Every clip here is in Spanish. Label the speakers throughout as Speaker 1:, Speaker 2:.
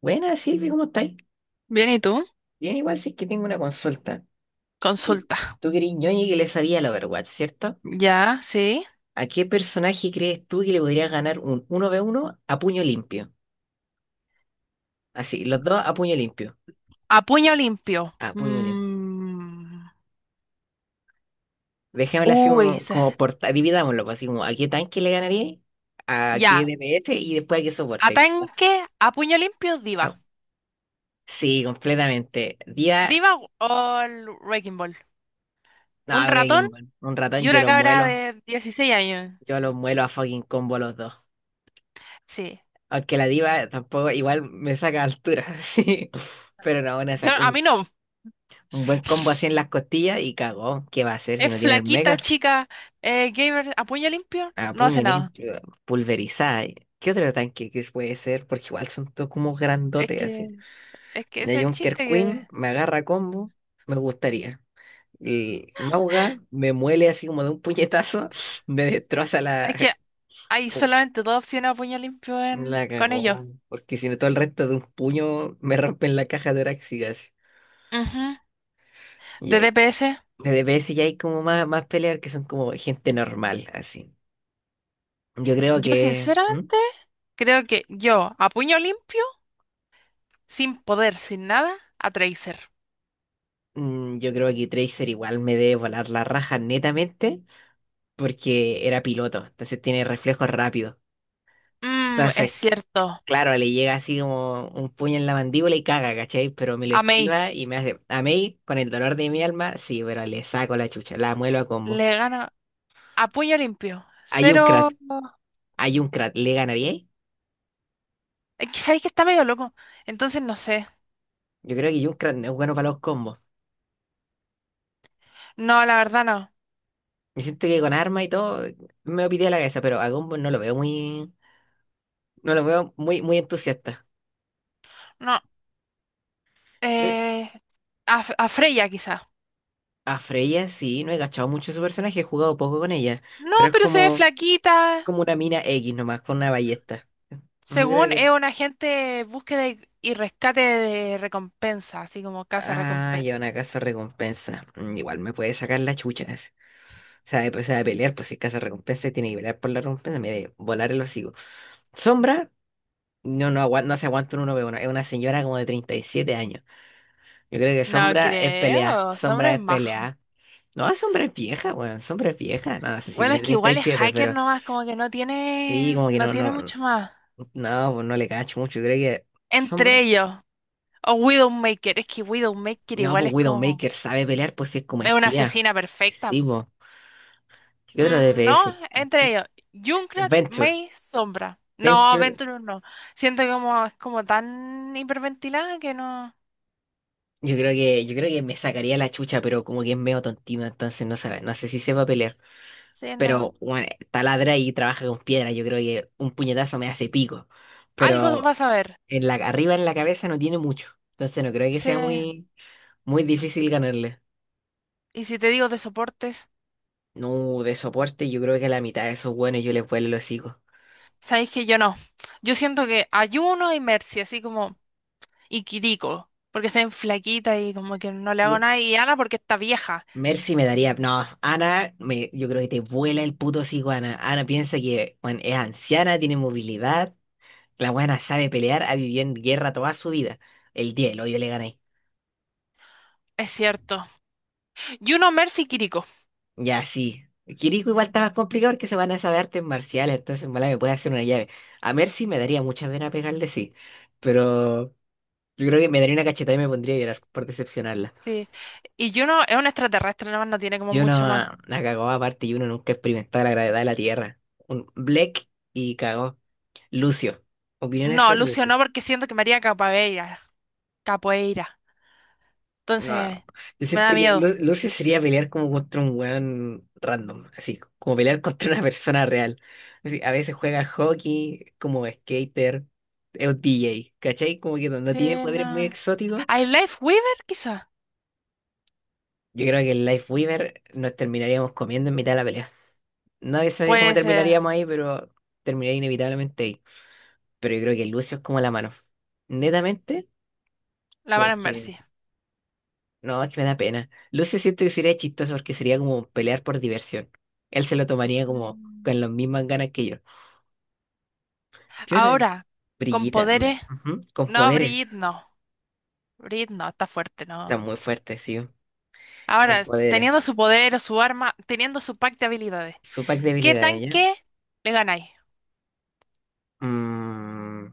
Speaker 1: Buenas, Silvi, ¿cómo estáis?
Speaker 2: Bien, ¿y tú?
Speaker 1: Bien, igual si es que tengo una consulta.
Speaker 2: Consulta.
Speaker 1: Tú que eres ñoñi que le sabía al Overwatch, ¿cierto?
Speaker 2: Ya, sí.
Speaker 1: ¿A qué personaje crees tú que le podría ganar un uno v uno a puño limpio? Así, los dos a puño limpio.
Speaker 2: A puño limpio.
Speaker 1: A puño limpio.
Speaker 2: Mm.
Speaker 1: Dejémoslo así
Speaker 2: Uy,
Speaker 1: como,
Speaker 2: se-
Speaker 1: como por... Dividámoslo, pues, así como, ¿a qué tanque le ganaría? ¿A qué
Speaker 2: ya.
Speaker 1: DPS? Y después, ¿a qué soporte?
Speaker 2: Atanque a puño limpio, diva.
Speaker 1: Ah, sí, completamente. Día...
Speaker 2: Diva o el Wrecking Ball. Un
Speaker 1: No,
Speaker 2: ratón
Speaker 1: Breaking Ball. Un
Speaker 2: y
Speaker 1: ratón, yo
Speaker 2: una
Speaker 1: los
Speaker 2: cabra
Speaker 1: muelo.
Speaker 2: de 16 años.
Speaker 1: Yo los muelo a fucking combo los dos.
Speaker 2: Sí.
Speaker 1: Aunque la diva tampoco, igual me saca altura, sí. Pero no,
Speaker 2: Yo, a mí no.
Speaker 1: un buen combo así en las costillas y cagó. ¿Qué va a hacer si
Speaker 2: Es
Speaker 1: no tiene el
Speaker 2: flaquita,
Speaker 1: mega?
Speaker 2: chica, gamer, a puño limpio,
Speaker 1: A
Speaker 2: no hace
Speaker 1: puño
Speaker 2: nada.
Speaker 1: limpio, pulverizada. ¿Qué otro tanque que puede ser? Porque igual son todos como
Speaker 2: Es
Speaker 1: grandotes así.
Speaker 2: que, es que es
Speaker 1: De
Speaker 2: el
Speaker 1: Junker
Speaker 2: chiste que.
Speaker 1: Queen me agarra combo, me gustaría. Y Mauga me muele así como de un puñetazo, me destroza la.
Speaker 2: Es que hay solamente dos opciones a puño limpio
Speaker 1: La
Speaker 2: en, con ellos.
Speaker 1: cagó. Porque si no, todo el resto de un puño me rompen la caja torácica así.
Speaker 2: Ujú.
Speaker 1: Y
Speaker 2: De
Speaker 1: ahí
Speaker 2: DPS.
Speaker 1: de DPS ya hay como más peleas que son como gente normal, así. Yo creo
Speaker 2: Yo
Speaker 1: que. ¿Mm?
Speaker 2: sinceramente creo que yo, a puño limpio, sin poder, sin nada, a Tracer.
Speaker 1: Mm, yo creo que Tracer igual me debe volar la raja netamente porque era piloto, entonces tiene reflejos rápidos.
Speaker 2: Mm, es
Speaker 1: Entonces,
Speaker 2: cierto.
Speaker 1: claro, le llega así como un puño en la mandíbula y caga, ¿cachai? Pero me lo
Speaker 2: A Mei
Speaker 1: esquiva y me hace. A Mei, con el dolor de mi alma, sí, pero le saco la chucha, la muelo a combo.
Speaker 2: le gana a puño limpio.
Speaker 1: Hay un
Speaker 2: Cero.
Speaker 1: Krat, hay un Krat, ¿le ganaría ahí?
Speaker 2: Es que sabéis que está medio loco. Entonces no sé.
Speaker 1: Yo creo que Junkrat no es bueno para los combos.
Speaker 2: No, la verdad no.
Speaker 1: Me siento que con armas y todo me pide la cabeza, pero a Gumball no lo veo muy, muy entusiasta.
Speaker 2: No.
Speaker 1: Pero
Speaker 2: Eh, a Freya quizá.
Speaker 1: a Freya sí, no he cachado mucho su personaje, he jugado poco con ella,
Speaker 2: No,
Speaker 1: pero es
Speaker 2: pero se ve
Speaker 1: como,
Speaker 2: flaquita.
Speaker 1: como una mina X nomás, con una ballesta. Mm, creo
Speaker 2: Según
Speaker 1: que.
Speaker 2: es un agente búsqueda y rescate de recompensa, así como casa
Speaker 1: Ah, ya
Speaker 2: recompensa.
Speaker 1: una casa recompensa. Mm, igual me puede sacar la chucha, ¿no? O sea, después se va a pelear, pues si es casa recompensa tiene que pelear por la recompensa, mire, volar el hocico. Sombra, no, no, no se aguanta un uno ve uno. Es una señora como de 37 años. Yo creo que
Speaker 2: No
Speaker 1: Sombra es pelea.
Speaker 2: creo, sombra
Speaker 1: Sombra
Speaker 2: es
Speaker 1: es
Speaker 2: más.
Speaker 1: pelea. No, Sombra es vieja, weón. Sombra es vieja. No, no sé si
Speaker 2: Bueno,
Speaker 1: tiene
Speaker 2: es que
Speaker 1: treinta y
Speaker 2: igual es
Speaker 1: siete
Speaker 2: hacker
Speaker 1: pero
Speaker 2: nomás, como que no
Speaker 1: sí,
Speaker 2: tiene,
Speaker 1: como que
Speaker 2: no
Speaker 1: no,
Speaker 2: tiene
Speaker 1: no,
Speaker 2: mucho más.
Speaker 1: no, pues no le cacho mucho. Yo creo que
Speaker 2: Entre
Speaker 1: Sombra.
Speaker 2: ellos, o Widowmaker, es que Widowmaker
Speaker 1: No,
Speaker 2: igual
Speaker 1: pues
Speaker 2: es como,
Speaker 1: Widowmaker sabe pelear, pues si es como
Speaker 2: es una
Speaker 1: espía.
Speaker 2: asesina
Speaker 1: Sí,
Speaker 2: perfecta.
Speaker 1: pues. ¿Qué otro
Speaker 2: Mm, no,
Speaker 1: DPS
Speaker 2: entre
Speaker 1: existe?
Speaker 2: ellos, Junkrat,
Speaker 1: Venture.
Speaker 2: May, Sombra. No,
Speaker 1: Venture,
Speaker 2: Venturus no. Siento que como, es como tan hiperventilada que no,
Speaker 1: yo creo que me sacaría la chucha, pero como que es medio tontino, entonces no sabe, no sé si sepa pelear.
Speaker 2: sí, no.
Speaker 1: Pero bueno, taladra y trabaja con piedra. Yo creo que un puñetazo me hace pico.
Speaker 2: Algo
Speaker 1: Pero
Speaker 2: vas a ver.
Speaker 1: en la, arriba en la cabeza no tiene mucho. Entonces no creo que
Speaker 2: Sí.
Speaker 1: sea muy, muy difícil ganarle.
Speaker 2: Y si te digo de soportes,
Speaker 1: No, de soporte yo creo que la mitad de esos buenos yo les vuelo el hocico.
Speaker 2: sabéis que yo no. Yo siento que Ayuno y Mercy, así como, y Kiriko, porque se ven flaquita y como que no le hago
Speaker 1: M-
Speaker 2: nada, y Ana porque está vieja,
Speaker 1: Mercy me daría... No, Ana, me, yo creo que te vuela el puto hocico, Ana. Ana piensa que bueno, es anciana, tiene movilidad. La buena sabe pelear, ha vivido en guerra toda su vida. El 10, lo yo le gané.
Speaker 2: es cierto. Yuno, Mercy y Kiriko.
Speaker 1: Ya, sí. Kiriko igual está más complicado porque se van a saber artes marciales, entonces en volada me puede hacer una llave. A Mercy me daría mucha pena pegarle, sí. Pero... Yo creo que me daría una cachetada y me pondría a llorar por decepcionarla.
Speaker 2: Sí. Y Juno es un extraterrestre, nada más no tiene como
Speaker 1: Yo no
Speaker 2: mucho más.
Speaker 1: la cagó aparte y uno nunca experimentaba la gravedad de la Tierra. Un Black y cagó. Lucio. Opiniones
Speaker 2: No,
Speaker 1: sobre
Speaker 2: Lucio
Speaker 1: Lucio.
Speaker 2: no, porque siento que María haría capoeira. Capoeira.
Speaker 1: No,
Speaker 2: Entonces,
Speaker 1: yo
Speaker 2: me da
Speaker 1: siento que
Speaker 2: miedo.
Speaker 1: Lucio sería pelear como contra un weón random, así, como pelear contra una persona real. Así, a veces juega al hockey, como skater, es un DJ, ¿cachai? Como que no, no tiene
Speaker 2: Sí,
Speaker 1: poderes muy
Speaker 2: no.
Speaker 1: exóticos.
Speaker 2: ¿Hay Life Weaver, quizá?
Speaker 1: Yo creo que el Life Weaver nos terminaríamos comiendo en mitad de la pelea, no sé cómo
Speaker 2: Puede ser.
Speaker 1: terminaríamos ahí, pero terminaría inevitablemente ahí. Pero yo creo que Lucio es como la mano. Netamente,
Speaker 2: La Van en
Speaker 1: porque...
Speaker 2: Mercy.
Speaker 1: No, es que me da pena. Lucio siento que sería chistoso porque sería como pelear por diversión. Él se lo tomaría como
Speaker 2: Mm.
Speaker 1: con las mismas ganas que yo. Pierde.
Speaker 2: Ahora, con
Speaker 1: Brillita.
Speaker 2: poderes.
Speaker 1: Ujú, con
Speaker 2: No,
Speaker 1: poderes.
Speaker 2: Brid, no. Brid, no, está fuerte,
Speaker 1: Está
Speaker 2: no.
Speaker 1: muy fuerte, sí. Con poderes.
Speaker 2: Teniendo su poder o su arma, teniendo su pack de habilidades,
Speaker 1: Su pack de
Speaker 2: ¿qué
Speaker 1: habilidades, ¿ya?
Speaker 2: tanque le ganáis?
Speaker 1: Mm,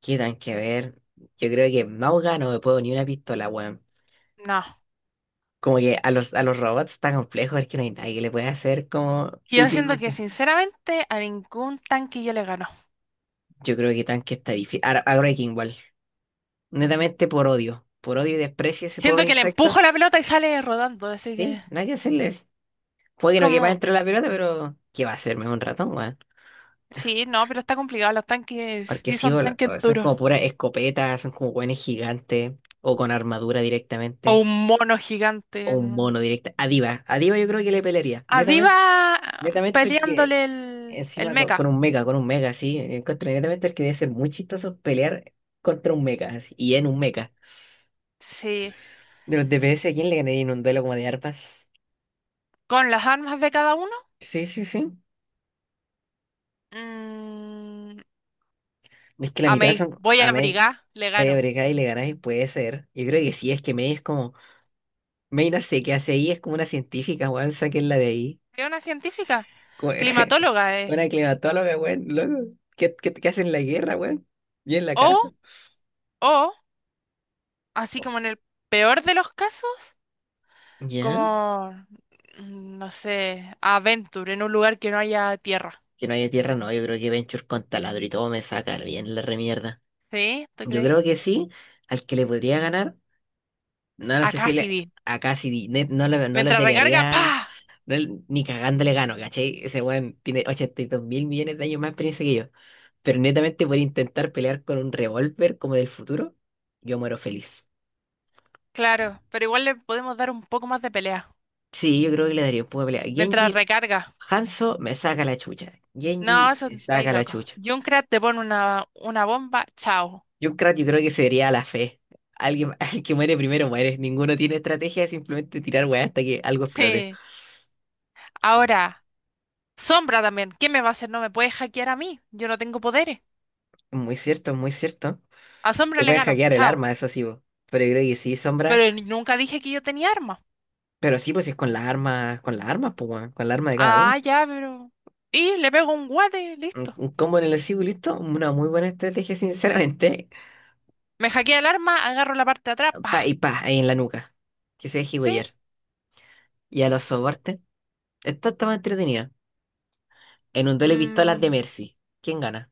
Speaker 1: qué tan que ver. Yo creo que en Mauga no me puedo ni una pistola, weón.
Speaker 2: No.
Speaker 1: Como que a los robots está complejo, es que no hay nadie que le pueda hacer como
Speaker 2: Yo siento que,
Speaker 1: útilmente.
Speaker 2: sinceramente, a ningún tanque yo le gano.
Speaker 1: Yo creo que tanque está difícil. Ahora, ahora hay que igual. Netamente por odio. Por odio y desprecio a ese
Speaker 2: Siento
Speaker 1: pobre
Speaker 2: que le
Speaker 1: insecto.
Speaker 2: empujo la pelota y sale rodando, así
Speaker 1: Sí,
Speaker 2: que.
Speaker 1: nada que hacerles. Puede que no quepa
Speaker 2: Como.
Speaker 1: dentro de la pelota, pero ¿qué va a hacerme un ratón, weón?
Speaker 2: Sí, no, pero está complicado. Los tanques
Speaker 1: Porque
Speaker 2: sí
Speaker 1: sí,
Speaker 2: son
Speaker 1: bol-
Speaker 2: tanques
Speaker 1: son como
Speaker 2: duros.
Speaker 1: puras escopetas, son como weones gigantes, o con armadura
Speaker 2: O
Speaker 1: directamente,
Speaker 2: un mono
Speaker 1: o
Speaker 2: gigante,
Speaker 1: un
Speaker 2: ¿no?
Speaker 1: mono directa. A Diva yo creo que le pelearía.
Speaker 2: A Diva,
Speaker 1: Netamente.
Speaker 2: ah,
Speaker 1: Netamente porque
Speaker 2: peleándole el
Speaker 1: encima
Speaker 2: mecha.
Speaker 1: con un mecha, sí. Encuentro inmediatamente que debe ser muy chistoso pelear contra un mecha, así, y en un mecha.
Speaker 2: Sí.
Speaker 1: De los DPS, ¿a quién le ganaría en un duelo como de arpas?
Speaker 2: Con las armas de cada uno.
Speaker 1: Sí, sí, sí.
Speaker 2: Mm,
Speaker 1: Es que la mitad
Speaker 2: amé,
Speaker 1: son
Speaker 2: voy
Speaker 1: a
Speaker 2: a
Speaker 1: Mei.
Speaker 2: abrigar, le
Speaker 1: Vaya
Speaker 2: gano.
Speaker 1: bregada y le ganáis, puede ser. Yo creo que sí, es que Mei es como. Mei no sé qué hace ahí, es como una científica, weón, la de ahí.
Speaker 2: ¿Qué una científica,
Speaker 1: Como-
Speaker 2: climatóloga, eh?
Speaker 1: Una climatóloga, weón, loco. ¿Qué hacen en la guerra, weón? Y en la casa.
Speaker 2: O, o, así como en el peor de los casos,
Speaker 1: ¿Ya?
Speaker 2: como, no sé, Adventure, en un lugar que no haya tierra.
Speaker 1: Que no haya tierra, no. Yo creo que Venture con taladro y todo me saca bien la remierda.
Speaker 2: ¿Sí? ¿Tú
Speaker 1: Yo
Speaker 2: crees?
Speaker 1: creo que sí, al que le podría ganar, no, no
Speaker 2: A
Speaker 1: sé si le,
Speaker 2: Cassidy.
Speaker 1: a Cassidy, no le
Speaker 2: Mientras recarga,
Speaker 1: pelearía,
Speaker 2: ¡pa!
Speaker 1: ni cagando le gano, ¿cachai? Ese weón tiene 82 mil millones de años más de experiencia que yo, pero netamente por intentar pelear con un revólver como del futuro, yo muero feliz.
Speaker 2: Claro, pero igual le podemos dar un poco más de pelea.
Speaker 1: Sí, yo creo que le daría un poco de pelea.
Speaker 2: Mientras
Speaker 1: Genji,
Speaker 2: recarga.
Speaker 1: Hanzo me saca la chucha,
Speaker 2: No,
Speaker 1: Genji
Speaker 2: eso
Speaker 1: me
Speaker 2: estáis
Speaker 1: saca la
Speaker 2: locos.
Speaker 1: chucha.
Speaker 2: Junkrat te pone una bomba, chao.
Speaker 1: Junkrat yo creo que sería la fe. Alguien, el que muere primero muere, ninguno tiene estrategia, es simplemente tirar weá hasta que algo explote.
Speaker 2: Sí. Ahora. Sombra también. ¿Qué me va a hacer? No me puede hackear a mí. Yo no tengo poderes.
Speaker 1: Muy cierto, muy cierto.
Speaker 2: A Sombra
Speaker 1: Te
Speaker 2: le
Speaker 1: puedes
Speaker 2: gano.
Speaker 1: hackear el
Speaker 2: Chao.
Speaker 1: arma, eso sí, po. Pero yo creo que sí, Sombra.
Speaker 2: Nunca dije que yo tenía arma.
Speaker 1: Pero sí, pues si es con con las armas, pues, weón, con la arma de cada
Speaker 2: Ah,
Speaker 1: uno.
Speaker 2: ya, pero. Y le pego un guate,
Speaker 1: Un,
Speaker 2: listo.
Speaker 1: un combo en el escudo, listo. Una muy buena estrategia, sinceramente.
Speaker 2: Me hackea el arma, agarro la parte de atrás.
Speaker 1: Pa y
Speaker 2: ¡Pah!
Speaker 1: pa, ahí en la nuca. Que se deje
Speaker 2: ¿Sí?
Speaker 1: huellar. Y a los soportes. Esta está más entretenida. En un duelo de pistolas de
Speaker 2: Mm,
Speaker 1: Mercy, ¿quién gana?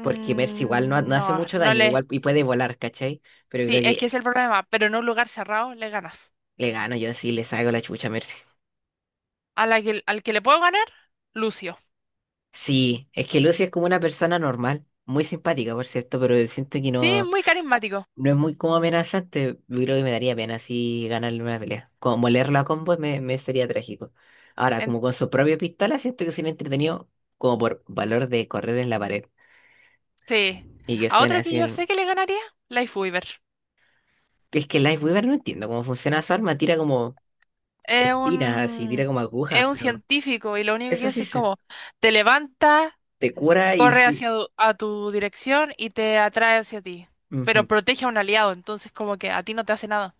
Speaker 1: Porque Mercy igual no hace
Speaker 2: no,
Speaker 1: mucho
Speaker 2: no
Speaker 1: daño,
Speaker 2: le.
Speaker 1: igual y puede volar, ¿cachai? Pero yo creo
Speaker 2: Sí, es
Speaker 1: que
Speaker 2: que es el problema. Pero en un lugar cerrado le ganas.
Speaker 1: le gano yo, sí, le saco la chucha a Mercy.
Speaker 2: A la que, al que le puedo ganar, Lucio.
Speaker 1: Sí, es que Lucy es como una persona normal, muy simpática, por cierto, pero siento que
Speaker 2: Sí, es
Speaker 1: no,
Speaker 2: muy carismático.
Speaker 1: no es muy como amenazante. Yo creo que me daría pena si ganarle una pelea. Como molerla a combo me sería trágico. Ahora,
Speaker 2: En-
Speaker 1: como con su propia pistola, siento que sería entretenido como por valor de correr en la pared.
Speaker 2: sí.
Speaker 1: Y que
Speaker 2: A
Speaker 1: suene
Speaker 2: otro que
Speaker 1: así
Speaker 2: yo
Speaker 1: el...
Speaker 2: sé que le ganaría, Life Weaver.
Speaker 1: Es que Weaver no entiendo cómo funciona su arma, tira como
Speaker 2: Es
Speaker 1: espinas, así, tira
Speaker 2: un,
Speaker 1: como
Speaker 2: es
Speaker 1: agujas,
Speaker 2: un
Speaker 1: pero
Speaker 2: científico y lo único
Speaker 1: eso
Speaker 2: que
Speaker 1: sí
Speaker 2: hace es
Speaker 1: se
Speaker 2: como te levanta,
Speaker 1: te cura y
Speaker 2: corre
Speaker 1: sí.
Speaker 2: hacia a tu dirección y te atrae hacia ti, pero
Speaker 1: Ujú.
Speaker 2: protege a un aliado, entonces como que a ti no te hace nada.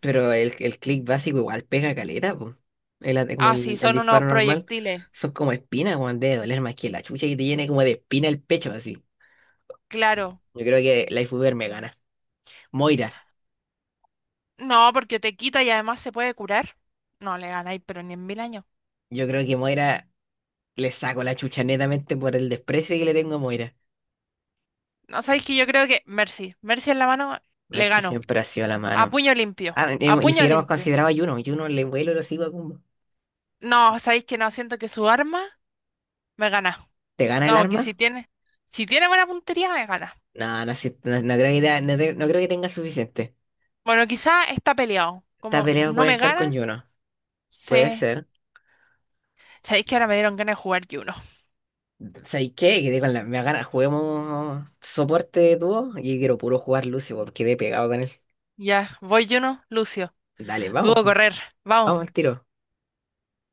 Speaker 1: Pero el clic básico igual pega caleta, po. El, como
Speaker 2: Ah, sí,
Speaker 1: el
Speaker 2: son unos
Speaker 1: disparo normal.
Speaker 2: proyectiles,
Speaker 1: Son como espinas, weón. Debe doler más que la chucha y te llena como de espina el pecho, así.
Speaker 2: claro.
Speaker 1: Yo creo que Life Uber me gana. Moira.
Speaker 2: No, porque te quita y además se puede curar. No le ganáis, pero ni en 1000 años.
Speaker 1: Yo creo que Moira le saco la chucha netamente por el desprecio que le tengo a Moira.
Speaker 2: No sabéis que yo creo que Mercy, Mercy en la mano
Speaker 1: A ver
Speaker 2: le
Speaker 1: si
Speaker 2: ganó.
Speaker 1: siempre ha sido la
Speaker 2: A
Speaker 1: mano.
Speaker 2: puño limpio,
Speaker 1: Ah,
Speaker 2: a
Speaker 1: ni
Speaker 2: puño
Speaker 1: siquiera hemos
Speaker 2: limpio.
Speaker 1: considerado a Juno. Juno le vuelo lo sigo a Kumbo.
Speaker 2: No, sabéis que no, siento que su arma me gana.
Speaker 1: ¿Te gana el
Speaker 2: Como que si
Speaker 1: arma?
Speaker 2: tiene, si tiene buena puntería, me gana.
Speaker 1: No, no, no creo que, te- no creo que tenga suficiente.
Speaker 2: Bueno, quizá está peleado.
Speaker 1: Esta
Speaker 2: Como
Speaker 1: pelea
Speaker 2: no
Speaker 1: puede
Speaker 2: me
Speaker 1: estar
Speaker 2: gana,
Speaker 1: con Juno. Puede
Speaker 2: se.
Speaker 1: ser.
Speaker 2: Sabéis que ahora me dieron ganas de jugar Juno.
Speaker 1: ¿Sabes qué? Quedé con la me ganas, juguemos soporte de dúo y quiero puro jugar Lucio porque quedé pegado con él.
Speaker 2: Ya, voy Juno, Lucio.
Speaker 1: Dale, vamos,
Speaker 2: Dudo
Speaker 1: po,
Speaker 2: correr. Vamos.
Speaker 1: vamos al tiro.